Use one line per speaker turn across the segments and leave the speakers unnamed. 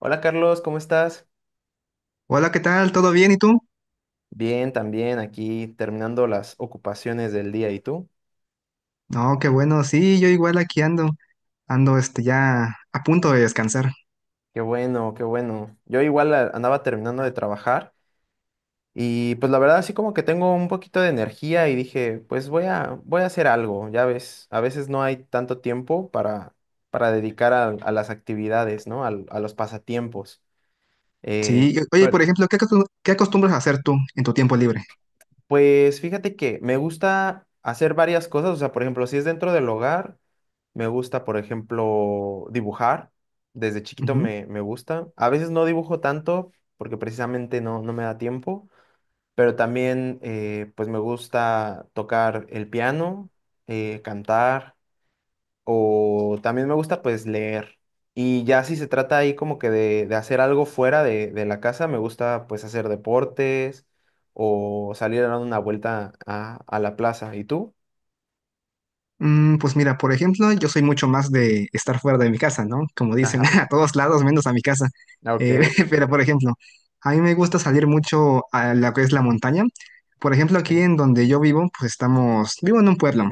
Hola Carlos, ¿cómo estás?
Hola, ¿qué tal? ¿Todo bien? ¿Y tú?
Bien, también aquí terminando las ocupaciones del día. ¿Y tú?
No, qué bueno. Sí, yo igual aquí ando. Ando este ya a punto de descansar.
Qué bueno, qué bueno. Yo igual andaba terminando de trabajar y pues la verdad así como que tengo un poquito de energía y dije, pues voy a hacer algo. Ya ves, a veces no hay tanto tiempo para dedicar a las actividades, ¿no? A los pasatiempos. Eh,
Sí, oye, por
pero,
ejemplo, ¿ qué acostumbras a hacer tú en tu tiempo libre?
pues fíjate que me gusta hacer varias cosas. O sea, por ejemplo, si es dentro del hogar. Me gusta, por ejemplo, dibujar. Desde chiquito
Ujú.
me gusta. A veces no dibujo tanto porque precisamente no me da tiempo, pero también, pues me gusta tocar el piano, cantar o también me gusta pues leer. Y ya si se trata ahí como que de hacer algo fuera de la casa, me gusta pues hacer deportes o salir a dar una vuelta a la plaza. ¿Y tú?
Mm, pues mira, por ejemplo, yo soy mucho más de estar fuera de mi casa, ¿no? Como dicen,
Ajá.
a todos lados menos a mi casa.
Ok,
Eh, pero por ejemplo, a mí me gusta salir mucho a lo que es la montaña. Por ejemplo,
ok.
aquí en donde yo vivo, pues estamos, vivo en un pueblo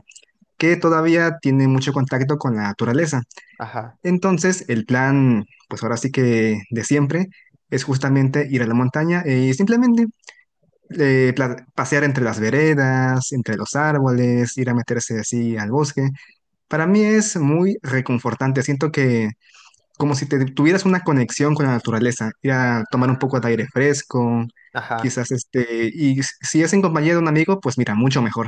que todavía tiene mucho contacto con la naturaleza.
Ajá.
Entonces, el plan, pues ahora sí que de siempre, es justamente ir a la montaña y simplemente pasear entre las veredas, entre los árboles, ir a meterse así al bosque. Para mí es muy reconfortante, siento que como si te tuvieras una conexión con la naturaleza, ir a tomar un poco de aire fresco,
Ajá.
quizás este, y si es en compañía de un amigo, pues mira, mucho mejor.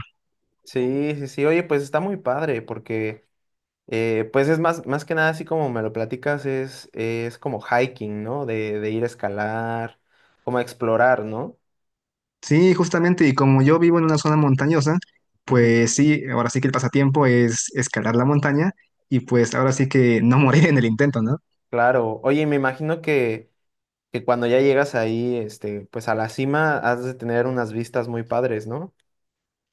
Sí, sí, sí, oye, pues está muy padre porque, pues es más que nada así como me lo platicas, es como hiking, ¿no? De ir a escalar, como a explorar, ¿no?
Sí, justamente, y como yo vivo en una zona montañosa,
Ujú.
pues sí, ahora sí que el pasatiempo es escalar la montaña y pues ahora sí que no morir en el intento, ¿no?
Claro, oye, me imagino que cuando ya llegas ahí, pues a la cima has de tener unas vistas muy padres, ¿no?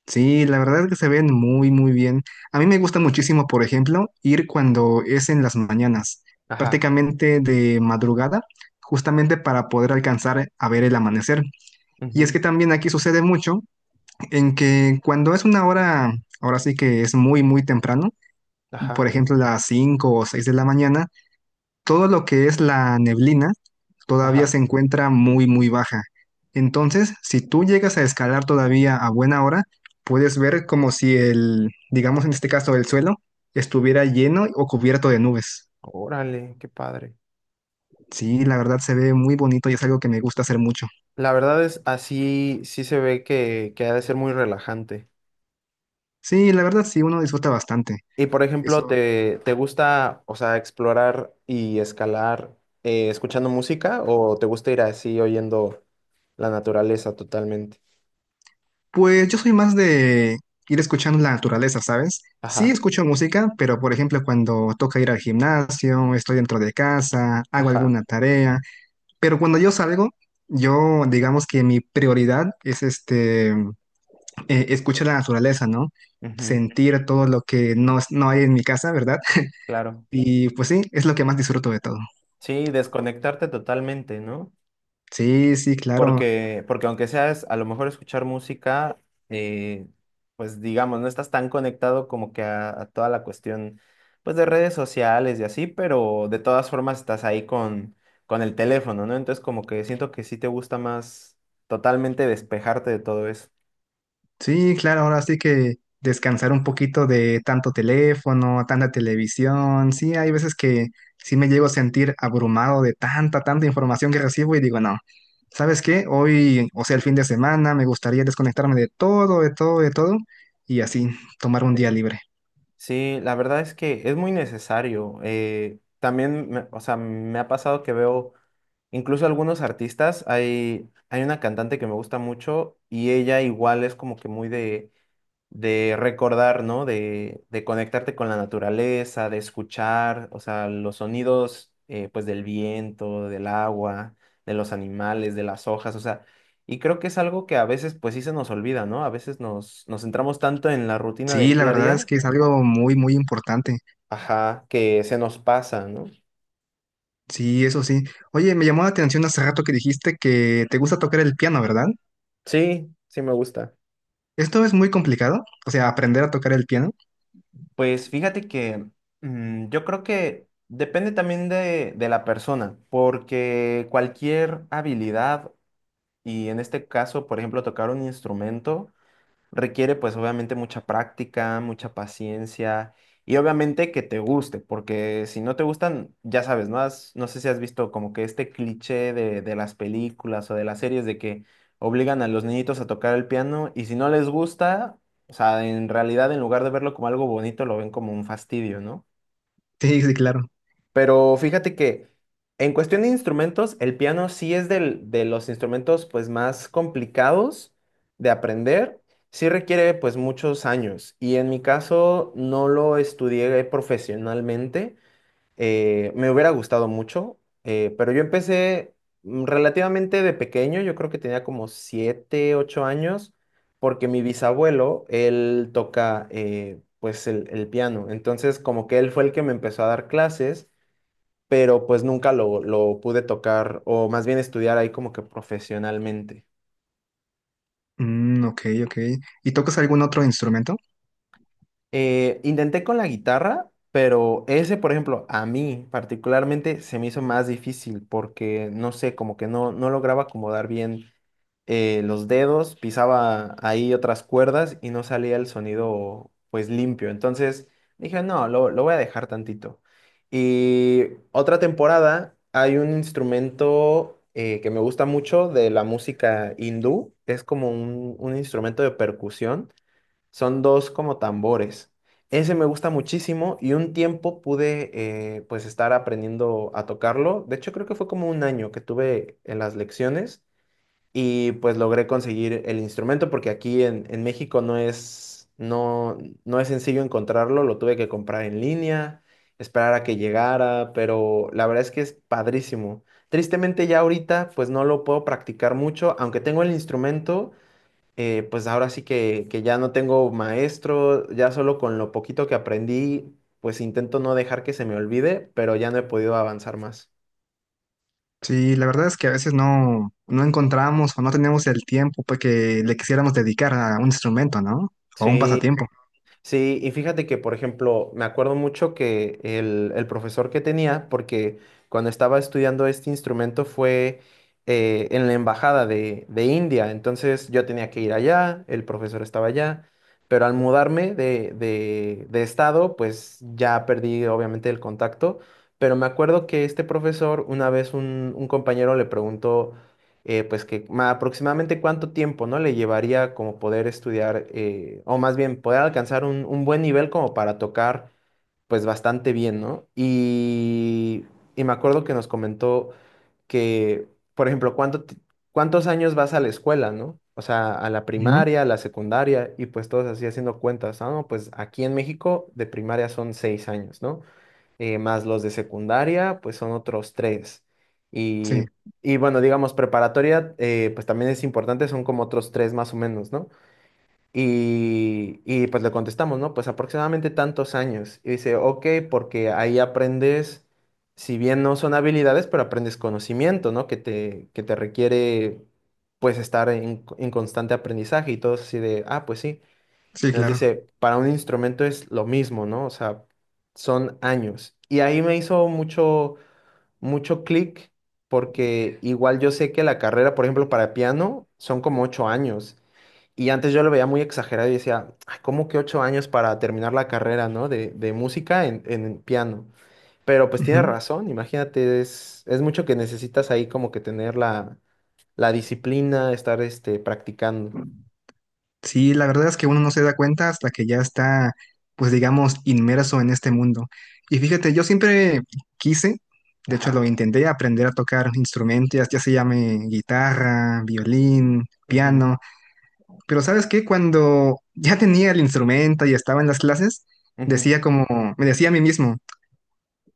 Sí, la verdad es que se ven muy, muy bien. A mí me gusta muchísimo, por ejemplo, ir cuando es en las mañanas,
Ajá.
prácticamente de madrugada, justamente para poder alcanzar a ver el amanecer. Y es
Ujú.
que también aquí sucede mucho en que cuando es una hora, ahora sí que es muy, muy temprano, por
Ajá.
ejemplo, las 5 o 6 de la mañana, todo lo que es la neblina todavía se
Ajá.
encuentra muy, muy baja. Entonces, si tú llegas a escalar todavía a buena hora, puedes
Sí.
ver como si el, digamos en este caso, el suelo estuviera lleno o cubierto de nubes.
Órale, qué padre.
Sí, la verdad se ve muy bonito y es algo que me gusta hacer mucho.
La verdad es, así sí se ve que ha de ser muy relajante.
Sí, la verdad sí, uno disfruta bastante.
Y por ejemplo,
Eso.
¿te gusta, o sea, explorar y escalar, escuchando música o te gusta ir así oyendo la naturaleza totalmente?
Pues yo soy más de ir escuchando la naturaleza, ¿sabes? Sí,
Ajá.
escucho música, pero por ejemplo cuando toca ir al gimnasio, estoy dentro de casa, hago
Ajá.
alguna tarea. Pero cuando yo salgo, yo digamos que mi prioridad es escuchar la naturaleza, ¿no?
Ujú.
Sentir todo lo que no hay en mi casa, ¿verdad?
Claro.
Y pues sí, es lo que más disfruto de todo.
Sí, desconectarte totalmente, ¿no?
Sí, sí, claro.
Porque, porque aunque seas a lo mejor escuchar música, eh, pues digamos, no estás tan conectado como que a toda la cuestión, pues de redes sociales y así, pero de todas formas estás ahí con el teléfono, ¿no? Entonces como que siento que sí te gusta más totalmente despejarte de todo eso.
Sí, claro, ahora sí que descansar un poquito de tanto teléfono, tanta televisión. Sí, hay veces que sí me llego a sentir abrumado de tanta, tanta información que recibo y digo, no, ¿sabes qué? Hoy, o sea, el fin de semana, me gustaría desconectarme de todo, de todo, de todo y así tomar un día
Sí.
libre.
Sí, la verdad es que es muy necesario. También, o sea, me ha pasado que veo incluso algunos artistas. Hay una cantante que me gusta mucho y ella igual es como que muy de recordar, ¿no? De conectarte con la naturaleza, de escuchar, o sea, los sonidos, pues del viento, del agua, de los animales, de las hojas. O sea, y creo que es algo que a veces pues sí se nos olvida, ¿no? A veces nos centramos tanto en la rutina
Sí,
del
la
día a
verdad es
día,
que es algo muy, muy importante.
ajá, que se nos pasa, ¿no?
Sí, eso sí. Oye, me llamó la atención hace rato que dijiste que te gusta tocar el piano, ¿verdad?
Sí, sí me gusta.
¿Esto es muy complicado? O sea, aprender a tocar el piano.
Pues fíjate que, yo creo que depende también de la persona, porque cualquier habilidad, y en este caso, por ejemplo, tocar un instrumento, requiere pues obviamente mucha práctica, mucha paciencia y obviamente que te guste, porque si no te gustan, ya sabes, ¿no? No sé si has visto como que este cliché de las películas o de las series de que obligan a los niñitos a tocar el piano y si no les gusta, o sea, en realidad en lugar de verlo como algo bonito, lo ven como un fastidio, ¿no?
Sí, sí, claro.
Pero fíjate que en cuestión de instrumentos, el piano sí es de los instrumentos pues más complicados de aprender. Sí requiere pues muchos años y en mi caso no lo estudié profesionalmente. Me hubiera gustado mucho, pero yo empecé, relativamente de pequeño, yo creo que tenía como 7 8 años, porque mi bisabuelo, él toca, pues el piano. Entonces como que él fue el que me empezó a dar clases, pero pues nunca lo pude tocar o más bien estudiar ahí como que profesionalmente.
Mm, ok, ok. ¿Y tocas algún otro instrumento?
Intenté con la guitarra, pero ese, por ejemplo, a mí particularmente se me hizo más difícil porque, no sé, como que no lograba acomodar bien, los dedos, pisaba ahí otras cuerdas y no salía el sonido pues limpio. Entonces dije, no, lo voy a dejar tantito. Y otra temporada hay un instrumento, que me gusta mucho de la música hindú, es como un instrumento de percusión, son dos como tambores. Ese me gusta muchísimo y un tiempo pude, pues estar aprendiendo a tocarlo. De hecho, creo que fue como un año que tuve en las lecciones y pues logré conseguir el instrumento porque aquí en México no es sencillo encontrarlo, lo tuve que comprar en línea, esperar a que llegara, pero la verdad es que es padrísimo. Tristemente ya ahorita pues no lo puedo practicar mucho, aunque tengo el instrumento, pues ahora sí que ya no tengo maestro, ya solo con lo poquito que aprendí, pues intento no dejar que se me olvide, pero ya no he podido avanzar más.
Sí, la verdad es que a veces no, no encontramos o no tenemos el tiempo pues, que le quisiéramos dedicar a un instrumento, ¿no? O a un
Sí.
pasatiempo.
Sí, y fíjate que, por ejemplo, me acuerdo mucho que el profesor que tenía, porque cuando estaba estudiando este instrumento fue, en la embajada de India, entonces yo tenía que ir allá, el profesor estaba allá, pero al mudarme de, de estado, pues ya perdí obviamente el contacto, pero me acuerdo que este profesor, una vez un compañero le preguntó, pues que aproximadamente cuánto tiempo, ¿no? Le llevaría como poder estudiar, o más bien poder alcanzar un buen nivel como para tocar pues bastante bien, ¿no? Y me acuerdo que nos comentó que, por ejemplo, cuántos años vas a la escuela, ¿no? O sea, a la
Ujú.
primaria, a la secundaria, y pues todos así haciendo cuentas, ah, no, pues aquí en México de primaria son 6 años, ¿no? Más los de secundaria, pues son otros tres.
Sí,
Y, y bueno, digamos, preparatoria, pues también es importante, son como otros tres más o menos, ¿no? Y pues le contestamos, ¿no? Pues aproximadamente tantos años. Y dice, ok, porque ahí aprendes, si bien no son habilidades, pero aprendes conocimiento, ¿no? Que te requiere pues estar en constante aprendizaje y todo así de, ah, pues sí.
sí,
Nos
claro.
dice, para un instrumento es lo mismo, ¿no? O sea, son años. Y ahí me hizo mucho, mucho clic, porque igual yo sé que la carrera, por ejemplo, para piano son como 8 años. Y antes yo lo veía muy exagerado y decía: "Ay, ¿cómo que 8 años para terminar la carrera? ¿No? De música en piano". Pero pues tiene
Ujú.
razón, imagínate, es mucho que necesitas ahí como que tener la disciplina, estar practicando.
Sí, la verdad es que uno no se da cuenta hasta que ya está, pues digamos, inmerso en este mundo. Y fíjate, yo siempre quise, de hecho
Ajá.
lo intenté, aprender a tocar instrumentos, ya se llame guitarra, violín,
Ujú.
piano, pero ¿sabes qué? Cuando ya tenía el instrumento y estaba en las clases,
Ujú.
decía como, me decía a mí mismo,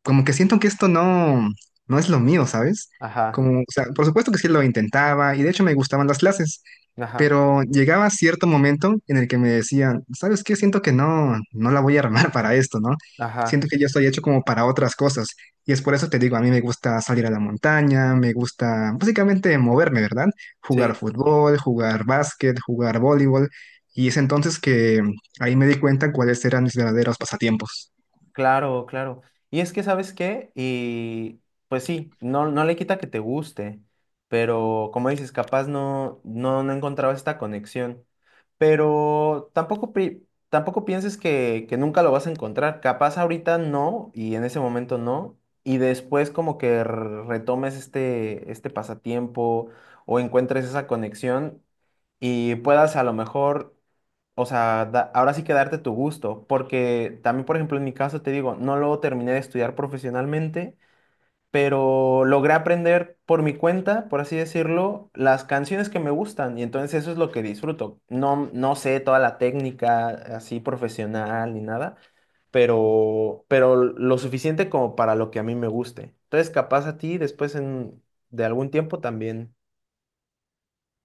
como que siento que esto no, no es lo mío, ¿sabes?
Ajá.
Como, o sea, por supuesto que sí lo intentaba y de hecho me gustaban las clases,
Ajá.
pero llegaba cierto momento en el que me decían, ¿sabes qué? Siento que no, no la voy a armar para esto, ¿no? Siento
Ajá,
que yo estoy hecho como para otras cosas y es por eso te digo, a mí me gusta salir a la montaña, me gusta básicamente moverme, ¿verdad? Jugar
sí,
fútbol, jugar básquet, jugar voleibol y es entonces que ahí me di cuenta cuáles eran mis verdaderos pasatiempos.
claro, claro. Y es que, ¿sabes qué? Y pues sí, no, no le quita que te guste, pero como dices, capaz no encontraba esta conexión. Pero tampoco, tampoco pienses que nunca lo vas a encontrar. Capaz ahorita no, y en ese momento no, y después como que retomes este, este pasatiempo o encuentres esa conexión y puedas a lo mejor. O sea, ahora sí que darte tu gusto, porque también, por ejemplo, en mi caso te digo, no lo terminé de estudiar profesionalmente, pero logré aprender por mi cuenta, por así decirlo, las canciones que me gustan, y entonces eso es lo que disfruto. No, no sé toda la técnica así profesional ni nada, pero lo suficiente como para lo que a mí me guste. Entonces, capaz a ti después de algún tiempo también.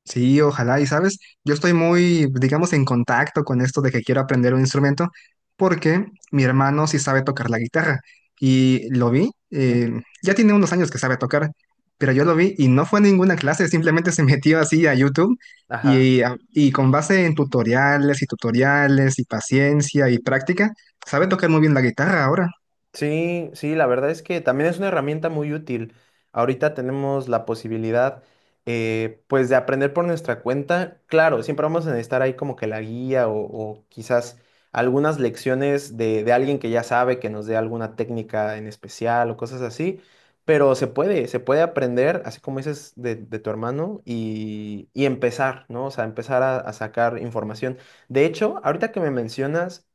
Sí, ojalá. Y sabes, yo estoy muy, digamos, en contacto con esto de que quiero aprender un instrumento porque mi hermano sí sabe tocar la guitarra y lo vi,
Ujú.
ya tiene unos años que sabe tocar, pero yo lo vi y no fue a ninguna clase, simplemente se metió así a YouTube
Ajá.
y con base en tutoriales y tutoriales y paciencia y práctica, sabe tocar muy bien la guitarra ahora.
Sí, sí, la verdad es que también es una herramienta muy útil. Ahorita tenemos la posibilidad, pues, de aprender por nuestra cuenta. Claro, siempre vamos a necesitar ahí como que la guía o quizás algunas lecciones de alguien que ya sabe, que nos dé alguna técnica en especial o cosas así. Pero se puede aprender, así como dices de tu hermano, y empezar, ¿no? O sea, empezar a sacar información. De hecho, ahorita que me mencionas...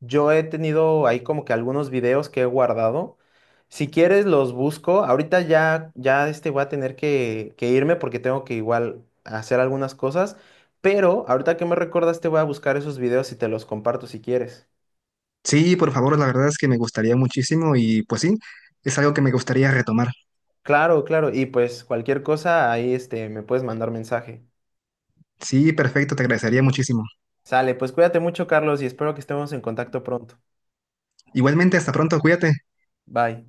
Yo he tenido ahí como que algunos videos que he guardado. Si quieres los busco. Ahorita ya voy a tener que irme porque tengo que igual hacer algunas cosas. Pero ahorita que me recordaste voy a buscar esos videos y te los comparto si quieres.
Sí, por favor, la verdad es que me gustaría muchísimo y pues sí, es algo que me gustaría retomar.
Claro, claro. Y pues cualquier cosa ahí me puedes mandar mensaje.
Sí, perfecto, te agradecería muchísimo.
Sale, pues cuídate mucho, Carlos, y espero que estemos en contacto pronto.
Igualmente, hasta pronto, cuídate.
Bye.